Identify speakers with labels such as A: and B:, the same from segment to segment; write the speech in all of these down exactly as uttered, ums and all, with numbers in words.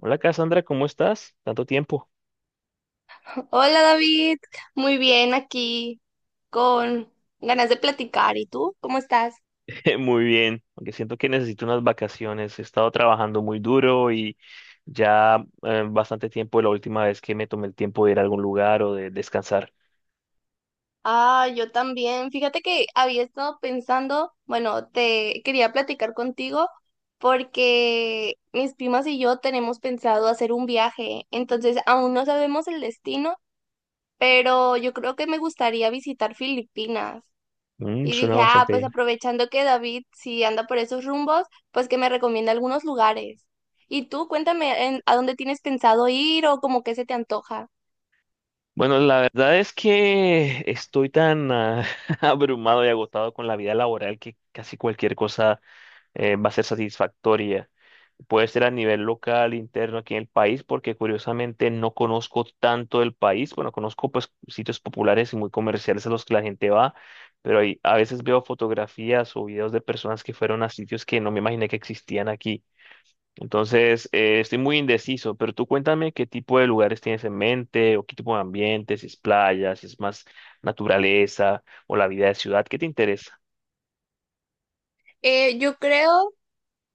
A: Hola Cassandra, ¿cómo estás? Tanto tiempo.
B: Hola David, muy bien aquí con ganas de platicar. ¿Y tú? ¿Cómo estás?
A: Muy bien, aunque siento que necesito unas vacaciones. He estado trabajando muy duro y ya eh, bastante tiempo de la última vez que me tomé el tiempo de ir a algún lugar o de descansar.
B: Ah, yo también. Fíjate que había estado pensando, bueno, te quería platicar contigo porque mis primas y yo tenemos pensado hacer un viaje. Entonces aún no sabemos el destino, pero yo creo que me gustaría visitar Filipinas.
A: Mm,
B: Y
A: suena
B: dije, ah,
A: bastante
B: pues
A: bien.
B: aprovechando que David si anda por esos rumbos, pues que me recomienda algunos lugares. Y tú, cuéntame en- a dónde tienes pensado ir o como que se te antoja.
A: Bueno, la verdad es que estoy tan ah, abrumado y agotado con la vida laboral que casi cualquier cosa eh, va a ser satisfactoria. Puede ser a nivel local, interno, aquí en el país, porque curiosamente no conozco tanto del país. Bueno, conozco pues sitios populares y muy comerciales a los que la gente va, pero ahí a veces veo fotografías o videos de personas que fueron a sitios que no me imaginé que existían aquí. Entonces, eh, estoy muy indeciso, pero tú cuéntame qué tipo de lugares tienes en mente o qué tipo de ambiente, si es playa, si es más naturaleza o la vida de ciudad, ¿qué te interesa?
B: Eh, yo creo,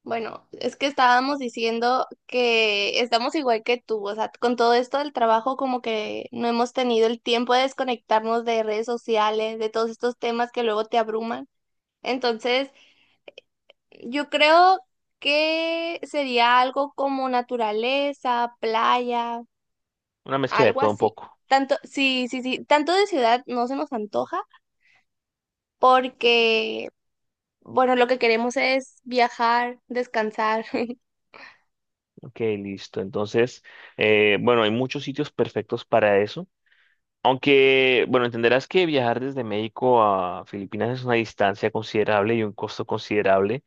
B: bueno, es que estábamos diciendo que estamos igual que tú, o sea, con todo esto del trabajo como que no hemos tenido el tiempo de desconectarnos de redes sociales, de todos estos temas que luego te abruman. Entonces, yo creo que sería algo como naturaleza, playa.
A: Una mezcla de
B: Algo
A: todo un
B: así.
A: poco.
B: Tanto, sí, sí, sí, tanto de ciudad no se nos antoja porque, bueno, lo que queremos es viajar, descansar.
A: Ok, listo. Entonces, eh, bueno, hay muchos sitios perfectos para eso. Aunque, bueno, entenderás que viajar desde México a Filipinas es una distancia considerable y un costo considerable.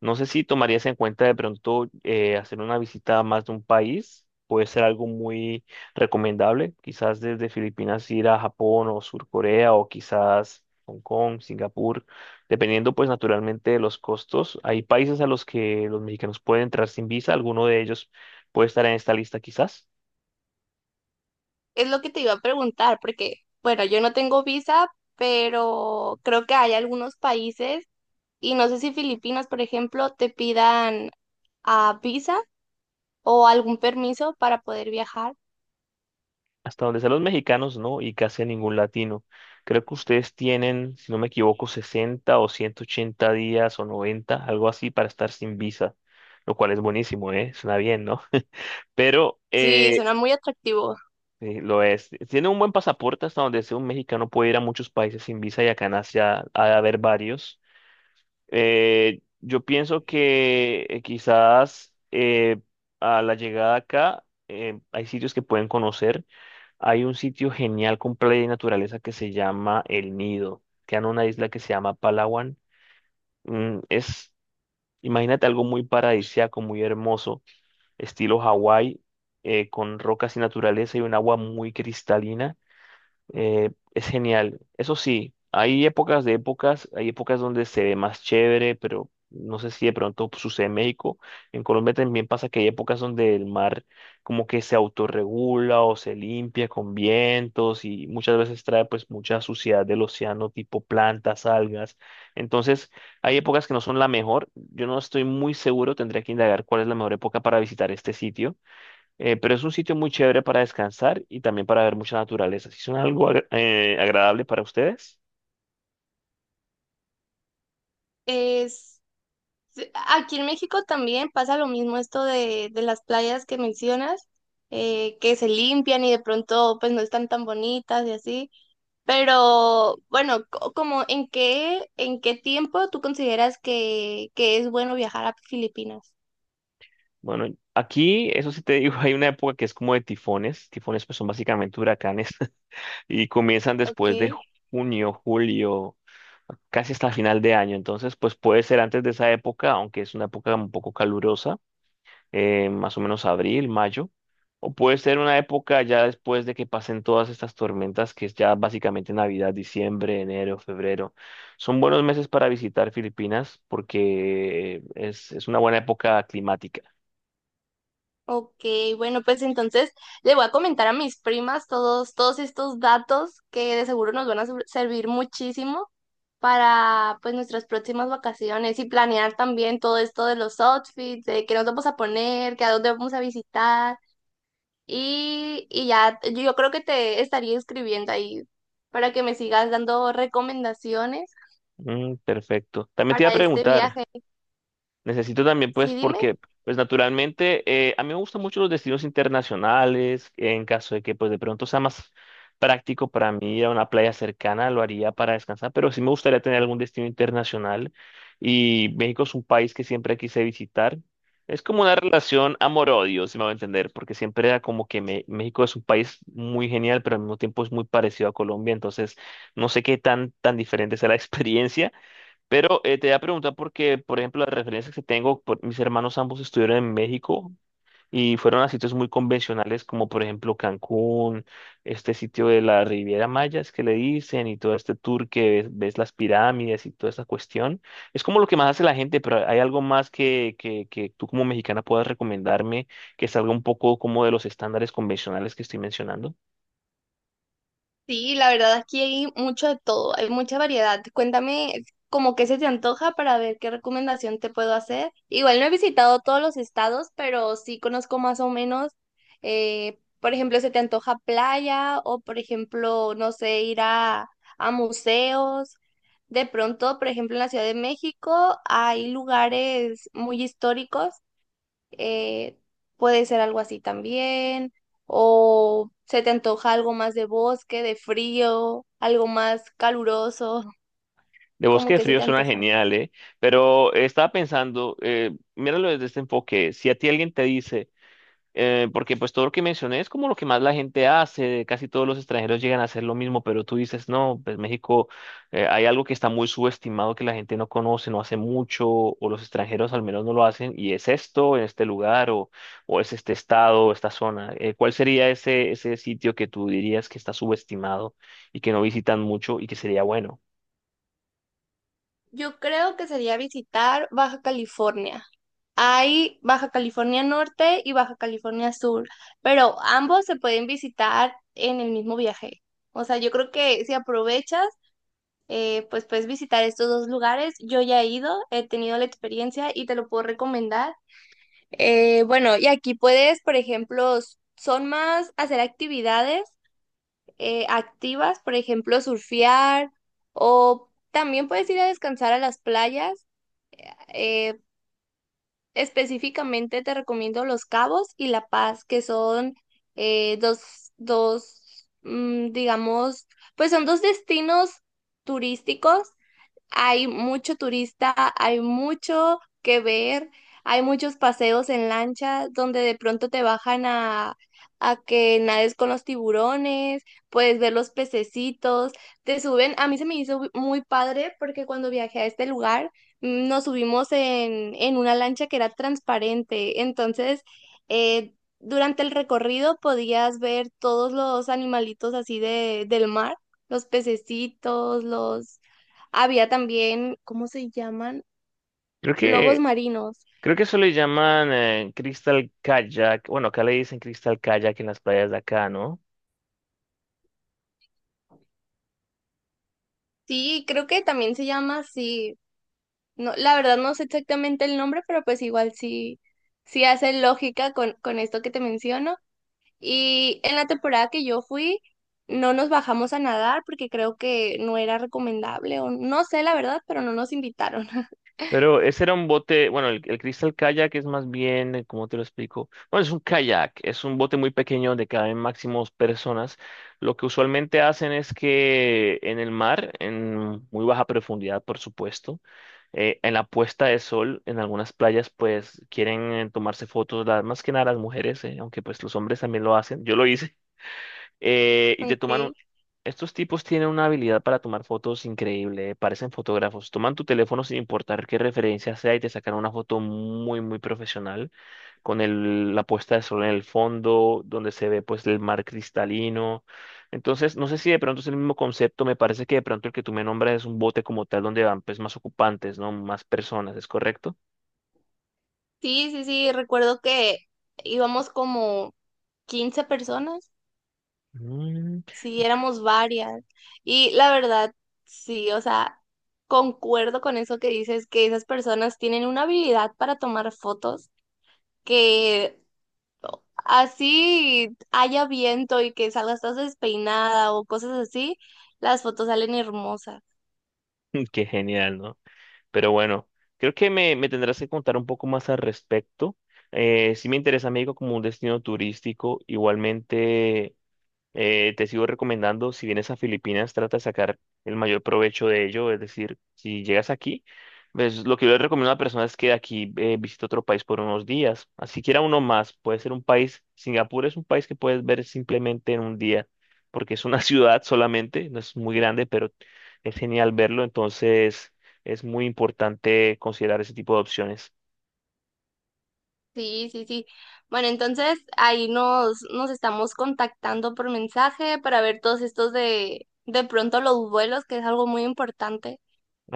A: No sé si tomarías en cuenta de pronto eh, hacer una visita a más de un país. Puede ser algo muy recomendable. Quizás desde Filipinas ir a Japón o Sur Corea o quizás Hong Kong, Singapur, dependiendo pues naturalmente de los costos. Hay países a los que los mexicanos pueden entrar sin visa. Alguno de ellos puede estar en esta lista quizás.
B: Es lo que te iba a preguntar porque, bueno, yo no tengo visa, pero creo que hay algunos países y no sé si Filipinas, por ejemplo, te pidan ah, visa o algún permiso para poder viajar.
A: Hasta donde sean los mexicanos, no, y casi a ningún latino. Creo que ustedes tienen, si no me equivoco, sesenta o ciento ochenta días o noventa, algo así, para estar sin visa, lo cual es buenísimo, ¿eh? Suena bien, ¿no? Pero
B: Sí,
A: eh,
B: suena muy atractivo.
A: sí, lo es. Tienen un buen pasaporte hasta donde sea un mexicano puede ir a muchos países sin visa y acá en Asia ha de haber varios. Eh, yo pienso que eh, quizás eh, a la llegada acá eh, hay sitios que pueden conocer. Hay un sitio genial con playa y naturaleza que se llama El Nido. Queda en una isla que se llama Palawan. Mm, es, imagínate algo muy paradisíaco, muy hermoso, estilo Hawái, eh, con rocas y naturaleza y un agua muy cristalina. Eh, es genial. Eso sí, hay épocas de épocas, hay épocas donde se ve más chévere, pero no sé si de pronto sucede en México. En Colombia también pasa que hay épocas donde el mar como que se autorregula o se limpia con vientos y muchas veces trae pues mucha suciedad del océano, tipo plantas, algas. Entonces, hay épocas que no son la mejor. Yo no estoy muy seguro, tendría que indagar cuál es la mejor época para visitar este sitio, eh, pero es un sitio muy chévere para descansar y también para ver mucha naturaleza. Si son algo agra- eh, agradable para ustedes,
B: Es Sí, aquí en México también pasa lo mismo, esto de, de las playas que mencionas, eh, que se limpian y de pronto pues no están tan bonitas y así. Pero bueno, co- como en qué, ¿en qué tiempo tú consideras que, que es bueno viajar a Filipinas?
A: bueno, aquí, eso sí te digo, hay una época que es como de tifones. Tifones pues son básicamente huracanes y comienzan después de
B: Okay.
A: junio, julio, casi hasta final de año. Entonces, pues puede ser antes de esa época, aunque es una época un poco calurosa. eh, más o menos abril, mayo, o puede ser una época ya después de que pasen todas estas tormentas, que es ya básicamente Navidad, diciembre, enero, febrero. Son buenos meses para visitar Filipinas porque es, es una buena época climática.
B: Ok, bueno, pues entonces le voy a comentar a mis primas todos, todos estos datos que de seguro nos van a ser- servir muchísimo para pues nuestras próximas vacaciones, y planear también todo esto de los outfits, de qué nos vamos a poner, qué a dónde vamos a visitar. Y, y ya yo creo que te estaría escribiendo ahí para que me sigas dando recomendaciones
A: Mm, perfecto. También te iba a
B: para este
A: preguntar.
B: viaje.
A: Necesito también, pues,
B: Sí, dime.
A: porque, pues, naturalmente, eh, a mí me gustan mucho los destinos internacionales. En caso de que, pues, de pronto sea más práctico para mí ir a una playa cercana, lo haría para descansar, pero sí me gustaría tener algún destino internacional. Y México es un país que siempre quise visitar. Es como una relación amor-odio, si me va a entender, porque siempre era como que me- México es un país muy genial, pero al mismo tiempo es muy parecido a Colombia, entonces no sé qué tan, tan diferente sea la experiencia, pero eh, te voy a preguntar porque, por ejemplo, las referencias que tengo, por- mis hermanos ambos estuvieron en México y fueron a sitios muy convencionales como, por ejemplo, Cancún, este sitio de la Riviera Maya, es que le dicen y todo este tour que ves, ves las pirámides y toda esta cuestión. Es como lo que más hace la gente, pero hay algo más que, que, que tú como mexicana puedas recomendarme que salga un poco como de los estándares convencionales que estoy mencionando.
B: Sí, la verdad aquí hay mucho de todo, hay mucha variedad. Cuéntame como qué se te antoja para ver qué recomendación te puedo hacer. Igual no he visitado todos los estados, pero sí conozco más o menos. Eh, por ejemplo, ¿se te antoja playa? O por ejemplo, no sé, ir a, a museos. De pronto, por ejemplo, en la Ciudad de México hay lugares muy históricos, eh, puede ser algo así también. O se te antoja algo más de bosque, de frío, algo más caluroso,
A: De Bosque
B: como
A: de
B: que se
A: Frío
B: te
A: suena
B: antoja.
A: genial, ¿eh? Pero eh, estaba pensando, eh, míralo desde este enfoque, si a ti alguien te dice, eh, porque pues todo lo que mencioné es como lo que más la gente hace, casi todos los extranjeros llegan a hacer lo mismo, pero tú dices, no, pues México, eh, hay algo que está muy subestimado que la gente no conoce, no hace mucho, o los extranjeros al menos no lo hacen, y es esto, en este lugar, o, o es este estado, o esta zona. Eh, ¿cuál sería ese, ese sitio que tú dirías que está subestimado y que no visitan mucho y que sería bueno?
B: Yo creo que sería visitar Baja California. Hay Baja California Norte y Baja California Sur, pero ambos se pueden visitar en el mismo viaje. O sea, yo creo que si aprovechas, eh, pues puedes visitar estos dos lugares. Yo ya he ido, he tenido la experiencia y te lo puedo recomendar. Eh, bueno, y aquí puedes, por ejemplo, s- son más hacer actividades eh, activas, por ejemplo, surfear, o también puedes ir a descansar a las playas. Eh, específicamente te recomiendo Los Cabos y La Paz, que son eh, dos, dos, mm, digamos, pues son dos destinos turísticos. Hay mucho turista, hay mucho que ver, hay muchos paseos en lancha donde de pronto te bajan a, a que nades con los tiburones, puedes ver los pececitos, te suben. A mí se me hizo muy padre porque cuando viajé a este lugar, nos subimos en, en una lancha que era transparente. Entonces, eh, durante el recorrido podías ver todos los animalitos así de, del mar, los pececitos, los... Había también, ¿cómo se llaman?
A: Creo
B: Lobos
A: que
B: marinos.
A: Creo que eso le llaman eh, Crystal Kayak. Bueno, acá le dicen Crystal Kayak en las playas de acá, ¿no?
B: Sí, creo que también se llama así. No, la verdad no sé exactamente el nombre, pero pues igual sí, sí hace lógica con, con esto que te menciono. Y en la temporada que yo fui, no nos bajamos a nadar porque creo que no era recomendable o no sé la verdad, pero no nos invitaron.
A: Pero ese era un bote, bueno, el, el Crystal Kayak es más bien, eh, ¿cómo te lo explico? Bueno, es un kayak, es un bote muy pequeño donde caben máximo dos personas. Lo que usualmente hacen es que en el mar, en muy baja profundidad, por supuesto, eh, en la puesta de sol, en algunas playas, pues quieren eh, tomarse fotos, las, más que nada las mujeres, eh, aunque pues los hombres también lo hacen. Yo lo hice. eh, y te toman un-
B: Okay.
A: Estos tipos tienen una habilidad para tomar fotos increíble, parecen fotógrafos. Toman tu teléfono sin importar qué referencia sea y te sacan una foto muy, muy profesional, con el- la puesta de sol en el fondo, donde se ve pues el mar cristalino. Entonces, no sé si de pronto es el mismo concepto, me parece que de pronto el que tú me nombras es un bote como tal, donde van pues más ocupantes, ¿no? Más personas, ¿es correcto?
B: Sí, sí, sí, recuerdo que íbamos como quince personas,
A: Mm,
B: sí, éramos varias. Y la verdad, sí, o sea, concuerdo con eso que dices, que esas personas tienen una habilidad para tomar fotos que... Así haya viento y que salgas toda despeinada o cosas así, las fotos salen hermosas.
A: qué genial, ¿no? Pero bueno, creo que me, me tendrás que contar un poco más al respecto. Eh, sí me interesa México como un destino turístico. Igualmente, eh, te sigo recomendando, si vienes a Filipinas, trata de sacar el mayor provecho de ello. Es decir, si llegas aquí, pues, lo que yo le recomiendo a la persona es que de aquí eh, visite otro país por unos días. Así quiera uno más, puede ser un país. Singapur es un país que puedes ver simplemente en un día, porque es una ciudad solamente, no es muy grande, pero es genial verlo. Entonces, es muy importante considerar ese tipo de opciones.
B: Sí, sí, sí. Bueno, entonces ahí nos, nos estamos contactando por mensaje para ver todos estos de, de pronto los vuelos, que es algo muy importante.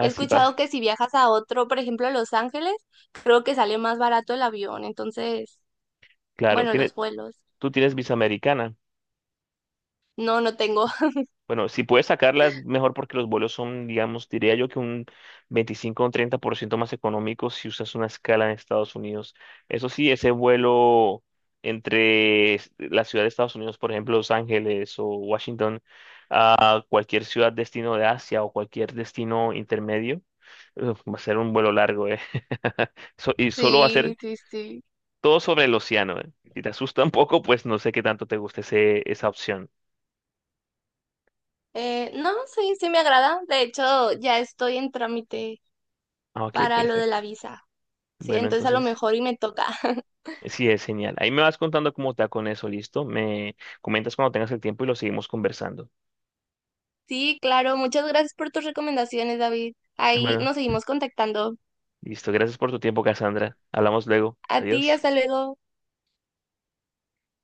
B: He escuchado
A: para,
B: que si viajas a otro, por ejemplo, a Los Ángeles, creo que sale más barato el avión. Entonces,
A: claro,
B: bueno,
A: tiene,
B: los vuelos.
A: Tú tienes visa americana.
B: No, no tengo.
A: Bueno, si puedes sacarlas, mejor porque los vuelos son, digamos, diría yo que un veinticinco o un treinta por ciento más económicos si usas una escala en Estados Unidos. Eso sí, ese vuelo entre es- la ciudad de Estados Unidos, por ejemplo, Los Ángeles o Washington, a cualquier ciudad destino de Asia o cualquier destino intermedio, uf, va a ser un vuelo largo, ¿eh? So- y solo va a ser
B: Sí, sí, sí.
A: todo sobre el océano, ¿eh? Si te asusta un poco, pues no sé qué tanto te guste ese, esa opción.
B: Eh, no, sí, sí me agrada. De hecho, ya estoy en trámite
A: Ah, ok,
B: para lo de la
A: perfecto.
B: visa. Sí,
A: Bueno,
B: entonces a lo
A: entonces.
B: mejor y me toca.
A: Sí, es genial. Ahí me vas contando cómo te va con eso, ¿listo? Me comentas cuando tengas el tiempo y lo seguimos conversando.
B: Sí, claro. Muchas gracias por tus recomendaciones, David. Ahí
A: Bueno,
B: nos seguimos contactando.
A: listo. Gracias por tu tiempo, Cassandra. Hablamos luego.
B: A ti,
A: Adiós.
B: hasta luego.